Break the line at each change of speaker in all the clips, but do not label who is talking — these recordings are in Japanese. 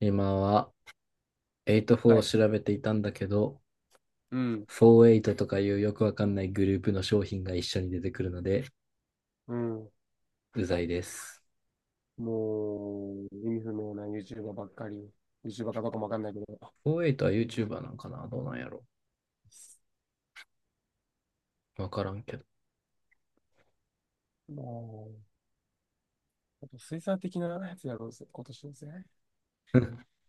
今は84
は
を
い。
調べていたんだけど、
うん。
48とかいうよくわかんないグループの商品が一緒に出てくるので、
うん。
うざいです。
もう、意味不明な YouTuber ばっかり。YouTuber かどうかもわかんないけど。
48はちは YouTuber なんかな、どうなんやろ、わからんけど。
もう、あと水産的なやつやろうぜ、今年のせ。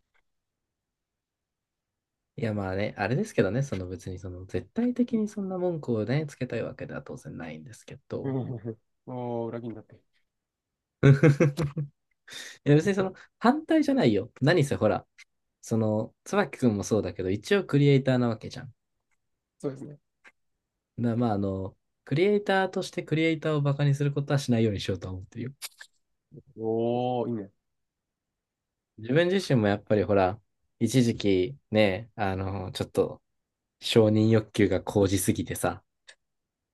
いやまあね、あれですけどね、その別にその絶対的にそんな文句をね、つけたいわけでは当然ないんですけ
う
ど。
ん。おー、裏切りになって。
いや別にその反対じゃないよ。何せほら、その椿くんもそうだけど、一応クリエイターなわけじゃん。
そうですね。
まあ、クリエイターとしてクリエイターをバカにすることはしないようにしようと思ってるよ。
おー、いいね。
自分自身もやっぱりほら、一時期ね、ちょっと承認欲求が高じすぎてさ、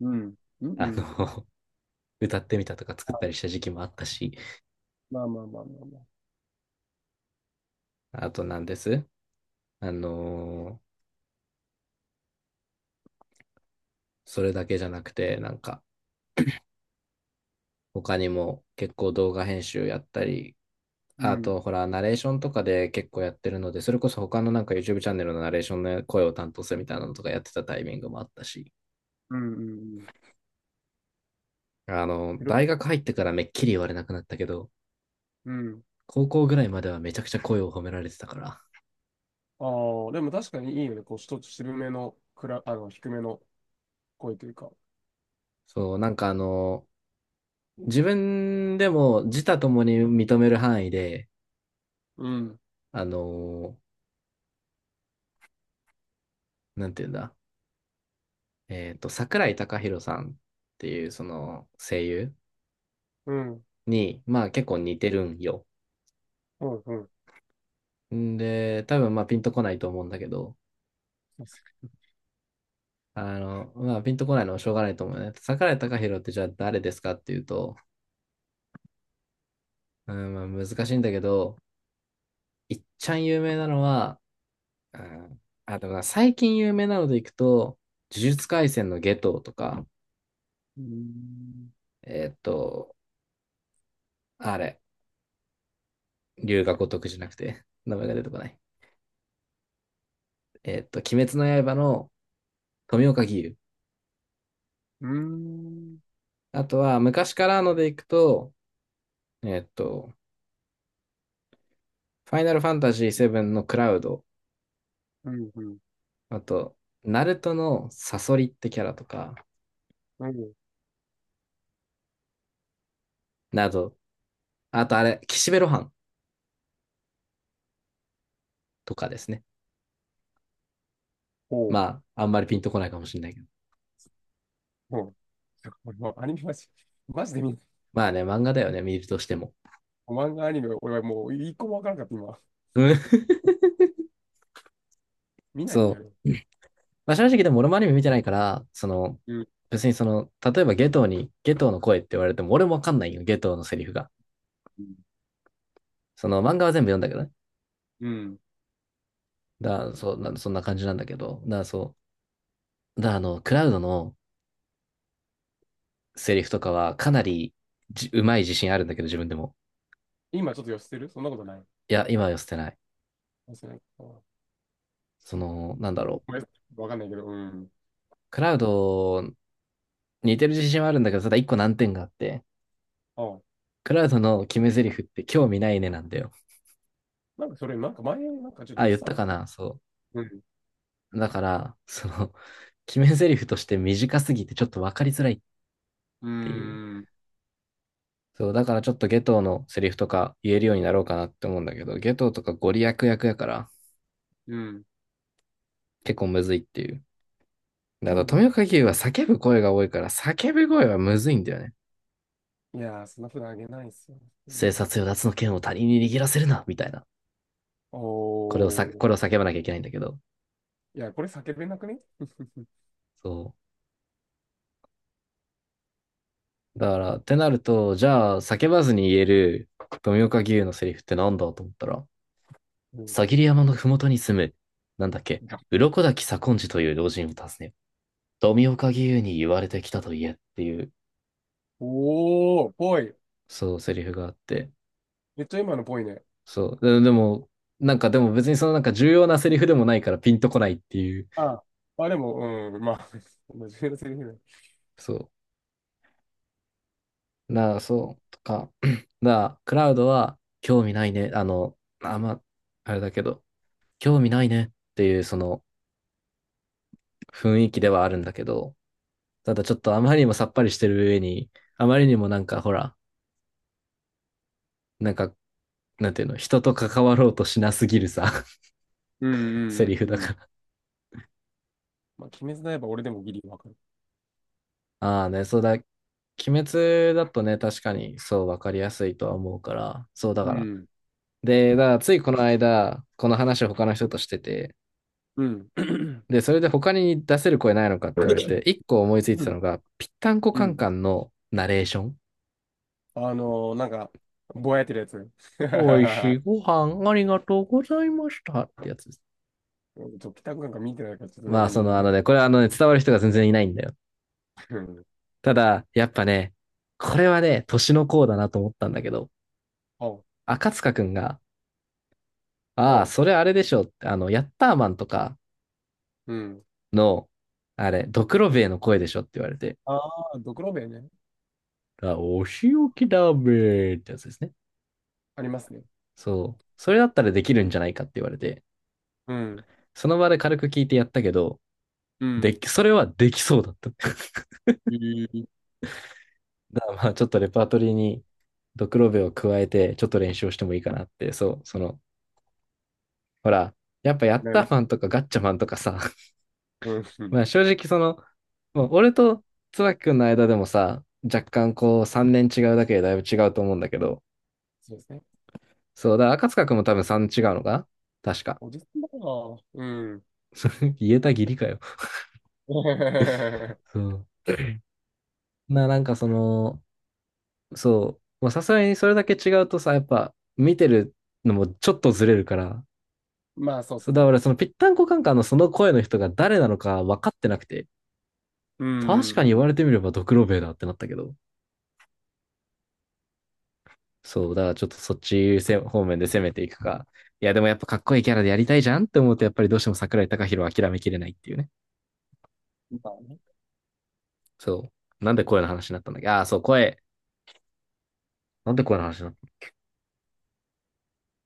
うん。うん、う
あ
ん。
の、歌ってみたとか作ったりした時期もあったし、
まあまあまあまあまあ。
あとなんです。あの、それだけじゃなくて、なんか、他にも結構動画編集やったり、
う
あと、
ん。
ほら、ナレーションとかで結構やってるので、それこそ他のなんか YouTube チャンネルのナレーションの声を担当するみたいなのとかやってたタイミングもあったし、
うん、うん、うん。いろ、
大学入ってからめっきり言われなくなったけど、
うん。
高校ぐらいまではめちゃくちゃ声を褒められてたから。
ああ、でも確かにいいよね。こう、一つ渋めの、くら、低めの声というか。
そう、なんか自分でも自他ともに認める範囲で、
うん。
あの、なんていうんだ、桜井孝宏さんっていうその声優
うん。
に、まあ結構似てるんよ。
うん、うん。
んで、多分まあピンとこないと思うんだけど、
そうですね。
まあピンとこないのはしょうがないと思うね。桜井孝宏ってじゃあ誰ですかっていうと、うん、まあ難しいんだけど、いっちゃん有名なのは、うん、あ、でもな最近有名なのでいくと、呪術廻戦のゲトウとか、
うーん。
えーっと、あれ、龍が如くじゃなくて、名前が出てこない。鬼滅の刃の富岡義勇。
うーん。
あとは、昔からのでいくと、えーっと、ファイナルファンタジー7のクラウド、
うん、うん、うん。
あと、ナルトのサソリってキャラとか、など、あとあれ、岸辺露伴とかですね。
ほう、
まあ、あんまりピンとこないかもしれないけど。
ほう。もうアニメマジ、マジで見ない。
まあね、漫画だよね、見るとしても。
漫画アニメ、俺はもう一個もわからなかった、今。
うん
見ないん
そ
だ
う。
よね。
まあ、正直でも俺もアニメ見てないから、その、
うん、
別にその、例えばゲトウの声って言われても俺もわかんないよ、ゲトウのセリフが。
うん。
その漫画は全部読んだけどね。
うん。
だから、そう、そんな感じなんだけど。そう。だ、あの、クラウドのセリフとかはかなりうまい自信あるんだけど、自分でも。
今ちょっと寄せてる？そんなことない？
いや、今は寄せてない。
寄せないか。あ、ご
その、なんだろう。
めん、わかんないけど、うん。
クラウド、似てる自信はあるんだけど、ただ一個難点があって、
あ、
クラウドの決め台詞って興味ないねなんだよ。
なんかそれ、なんか前、なんかちょっと
あ、
言っ
言っ
てた
たか
な。
なそう。
うん。
だから、その、決め台詞として短すぎてちょっと分かりづらいっ
う
ていう。
ーん。
そう、だからちょっとゲトウのセリフとか言えるようになろうかなって思うんだけど、ゲトウとかゴリ役やから
うん。
結構むずいっていう。だか
興
ら
味な
富
い
岡
ね。
義勇は叫ぶ声が多いから叫ぶ声はむずいんだよね。
いやー、そんなふうあげないっすよ。
生殺与奪の剣を他人に握らせるな、みたいな。
お
こ
ー。
れを叫ばなきゃいけないんだけど。
いや、これ叫べなくね？
そう。だから、ってなると、じゃあ叫ばずに言える富岡義勇のセリフってなんだと思ったら、
うん。
さぎり山のふもとに住む、なんだっけ、鱗滝左近次という老人を訪ね、富岡義勇に言われてきたと言えっていう、
おー、ぽい。
そう、セリフがあって、
めっちゃ今のぽいね。
そう、でも、なんかでも別にそのなんか重要なセリフでもないからピンとこないっていう、
あ、まあでも、うん、まあ、真面目なセリフだ。
そう、なあ、そう、とか、なあ、クラウドは興味ないね、あ、まあ、あれだけど、興味ないねっていうその雰囲気ではあるんだけど、ただちょっとあまりにもさっぱりしてる上に、あまりにもなんかほら、なんかなんていうの、人と関わろうとしなすぎるさ、
うん
セ
う
リ
んう
フ
ん
だ
う
か
ん。
ら。
まあ、鬼滅の刃、俺でもギリわかる。
ああね、そうだ、鬼滅だとね、確かにそう分かりやすいとは思うから、そうだ
う
から。
ん、
で、だからついこの間、この話を他の人としてて、
うん、
で、それで他に出せる声ないのかって言われて、一個思いついて
う
た
ん、
のが、ぴったんこ
う
カン
ん。
カンのナレーション。
あのなんか、ぼやってるやつ。
おいしい ご飯ありがとうございましたってやつです。
うん、ちょっと、北くなんか見てないからちょっとわ
まあ、
かんな
そ
いけ
の、
ど。
あのね、これはあのね、伝わる人が全然いないんだよ。
うん。
ただ、やっぱね、これはね、年の功だなと思ったんだけど、
おう、
赤塚くんが、ああ、
おう、
それあれでしょって、ヤッターマンとか
うん。
の、あれ、ドクロベエの声でしょって言われて、
ああ、ドクロベね。
あ、お仕置きだべーってやつですね。
ありますね。
そう。それだったらできるんじゃないかって言われて、
うん、
その場で軽く聞いてやったけど、
うん。
それはできそうだった。
えー、
だからまあ、ちょっとレパートリーにドクロベエを加えて、ちょっと練習をしてもいいかなって、そう、その、ほら、やっぱヤッ
ない
ター
な。
マンとかガッチャマンとかさ、
うん、そ
まあ正直その、まあ、俺と椿君の間でもさ、若干こう3年違うだけでだいぶ違うと思うんだけど、
うですね。
そうだ、赤塚君も多分3違うのか確か。
おじさんだから。うん。
言えたぎりかよ。そう。なんかその、そう、まあさすがにそれだけ違うとさ、やっぱ見てるのもちょっとずれるから、
まあ、そうで
そう
す
だ
ね。
からそのぴったんこカンカンのその声の人が誰なのか分かってなくて、
うん、
確
うん、
かに
う
言
ん。
われてみればドクロベイだってなったけど、そう、だからちょっとそっちせ方面で攻めていくか。いや、でもやっぱかっこいいキャラでやりたいじゃんって思うと、やっぱりどうしても桜井貴宏は諦めきれないっていうね。
みたいなね。
そう。なんで声の話になったんだっけ？そう、声。なんで声の話になったの？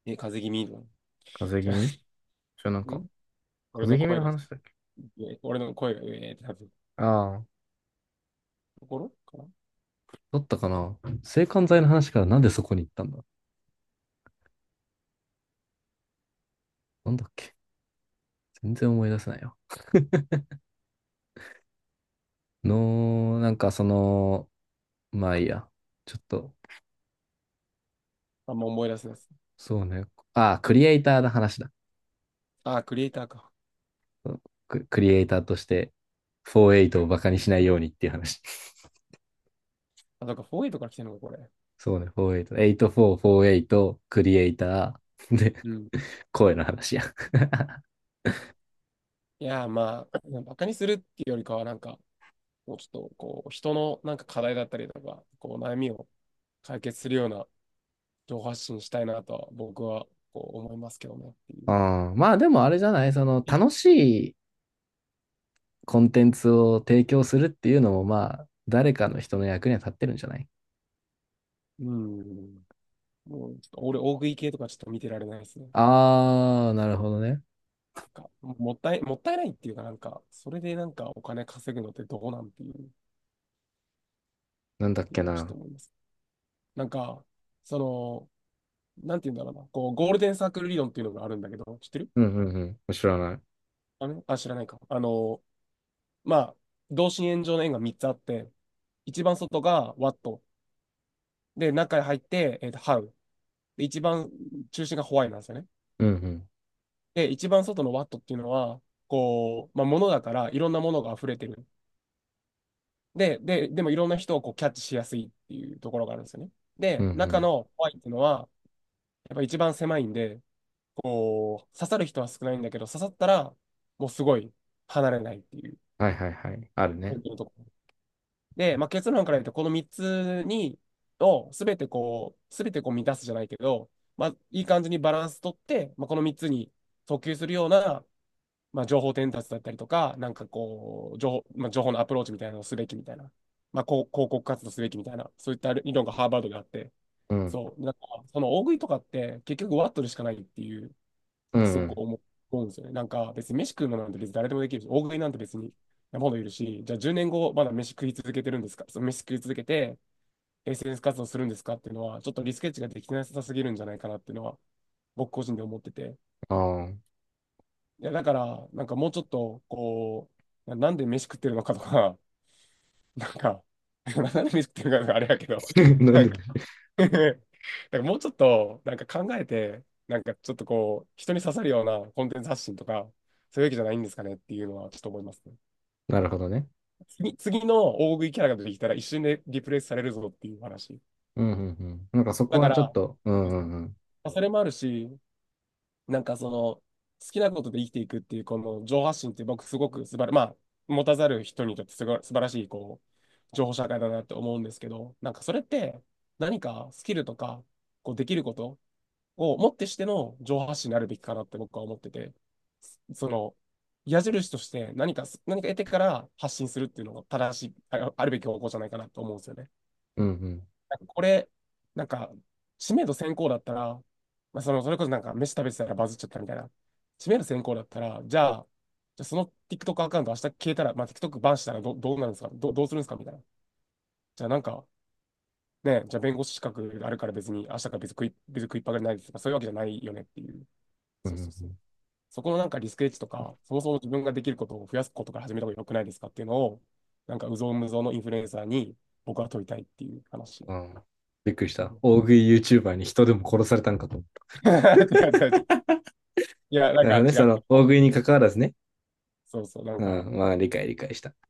え、風邪気味の。
風邪気味
違
じゃなん
う。
か、
ん、俺
風
の
邪気味
声
の
が、
話だっけ？
俺の声が、えーってなってる
ああー、
ところかな。
だったかな。制汗剤の話からなんでそこに行ったんだ？なんだっけ？全然思い出せないよ。の、なんかその、まあいいや。ちょっと、
あんま思い出せないです。
そうね。ああ、クリエイターの話だ。
あ、クリエイターか。
クリエイターとして、48をバカにしないようにっていう話。
あ、だかフォー 4A とから来てるのか、これ。
そうね、48。84、48、クリエイター、で、
うん。
声の話や。
いやまあ、バカにするっていうよりかは、なんか、もうちょっと、こう、人のなんか課題だったりとか、こう、悩みを解決するような情報発信したいなとは、僕は、こう、思いますけどね。ってい
う
う。
ん、まあでもあれじゃない、その楽しいコンテンツを提供するっていうのもまあ、誰かの人の役には立ってるんじゃない？
うん。もう、ちょっと、俺、大食い系とかちょっと見てられないですね。
あー、なるほどね。
か、もったい、もったいないっていうか、なんか、それでなんかお金稼ぐのってどうなんていう、
なんだっけ
今ちょっと
な。
思います。なんか、その、なんて言うんだろうな、こう、ゴールデンサークル理論っていうのがあるんだけど、知ってる？
うんうんうん。知らない。
あ、知らないか。まあ、同心円状の円が3つあって、一番外がワット、で、中に入って、ハウ、で、一番中心がホワイなんですよね。
うんうん。
で、一番外のワットっていうのは、こう、まあ、物だから、いろんなものが溢れてる。で、でもいろんな人をこうキャッチしやすいっていうところがあるんですよね。
うん
で、
う
中
ん。
のホワイっていうのは、やっぱ一番狭いんで、こう、刺さる人は少ないんだけど、刺さったら、もうすごい離れないっていう、
はいはいはい。あるね。
本当のところ。で、まあ、結論から言うと、この3つに、をすべてこう、すべてこう満たすじゃないけど、まあ、いい感じにバランス取って、まあ、この3つに訴求するような、まあ、情報伝達だったりとか、なんかこう、情報、まあ、情報のアプローチみたいなのをすべきみたいな、まあ、こう広告活動すべきみたいな、そういった理論がハーバードであって、
うん。
そう、なんか、その大食いとかって結局ワットルしかないっていう、
うん
す
う
ごく
ん。
思うんですよね。なんか別に飯食うのなんて別に誰でもできるし、大食いなんて別に山ほどいるし、じゃあ10年後まだ飯食い続けてるんですか、その飯食い続けて SNS 活動するんですかっていうのは、ちょっとリスケッチができてなさすぎるんじゃないかなっていうのは、僕個人で思ってて、
ああ。
いや、だから、なんかもうちょっと、こう、なんで飯食ってるのかとか、なんか、なんで飯食ってるのかとかあれやけど、
な ん
なん
でも
か
ない
だからもうちょっと、なんか考えて、なんかちょっとこう、人に刺さるようなコンテンツ発信とか、そういうわけじゃないんですかねっていうのはちょっと思いますね。
なるほどね。
次の大食いキャラが出てきたら一瞬でリプレイスされるぞっていう話。
うんうんうん。なんかそこ
だか
はちょっ
ら、
と、うん
ま
うんうん。
あそれもあるし、なんかその、好きなことで生きていくっていう、この情報発信って僕すごく素晴ら、まあ、持たざる人にとってすごい素晴らしい、こう、情報社会だなって思うんですけど、なんかそれって何かスキルとか、こうできることをもってしての情報発信になるべきかなって僕は思ってて、その、矢印として何か得てから発信するっていうのが正しい、ああるべき方向じゃないかなと思うんですよね。
うんうん
なんかこれ、なんか、知名度先行だったら、まあ、その、それこそなんか、飯食べてたらバズっちゃったみたいな。知名度先行だったら、じゃあ、じゃあその TikTok アカウント明日消えたら、まあ、TikTok バンしたらどうなるんですかどうするんですかみたいな。じゃあなんか、ね、じゃあ弁護士資格あるから別に、明日から別に食い、別に食いっぱがれないですとか、そういうわけじゃないよねっていう。
う
そうそうそう。
ん
そこのなんかリスクエッジとか、そもそも自分ができることを増やすことから始めた方が良くないですかっていうのを、なんか、うぞうむぞうのインフルエンサーに僕は問いたいっていう話。
うん。うん、びっくりし
う
た。
ん。
大食い YouTuber に人でも殺されたんかと思っ
違う違う違う。 いや、な
た。な
ん
る
か
ほどね。
違
そ
う。こ
の、大食
こ、
いに関わらずね。
そうそう、なん
う
か、
ん。まあ、理解理解した。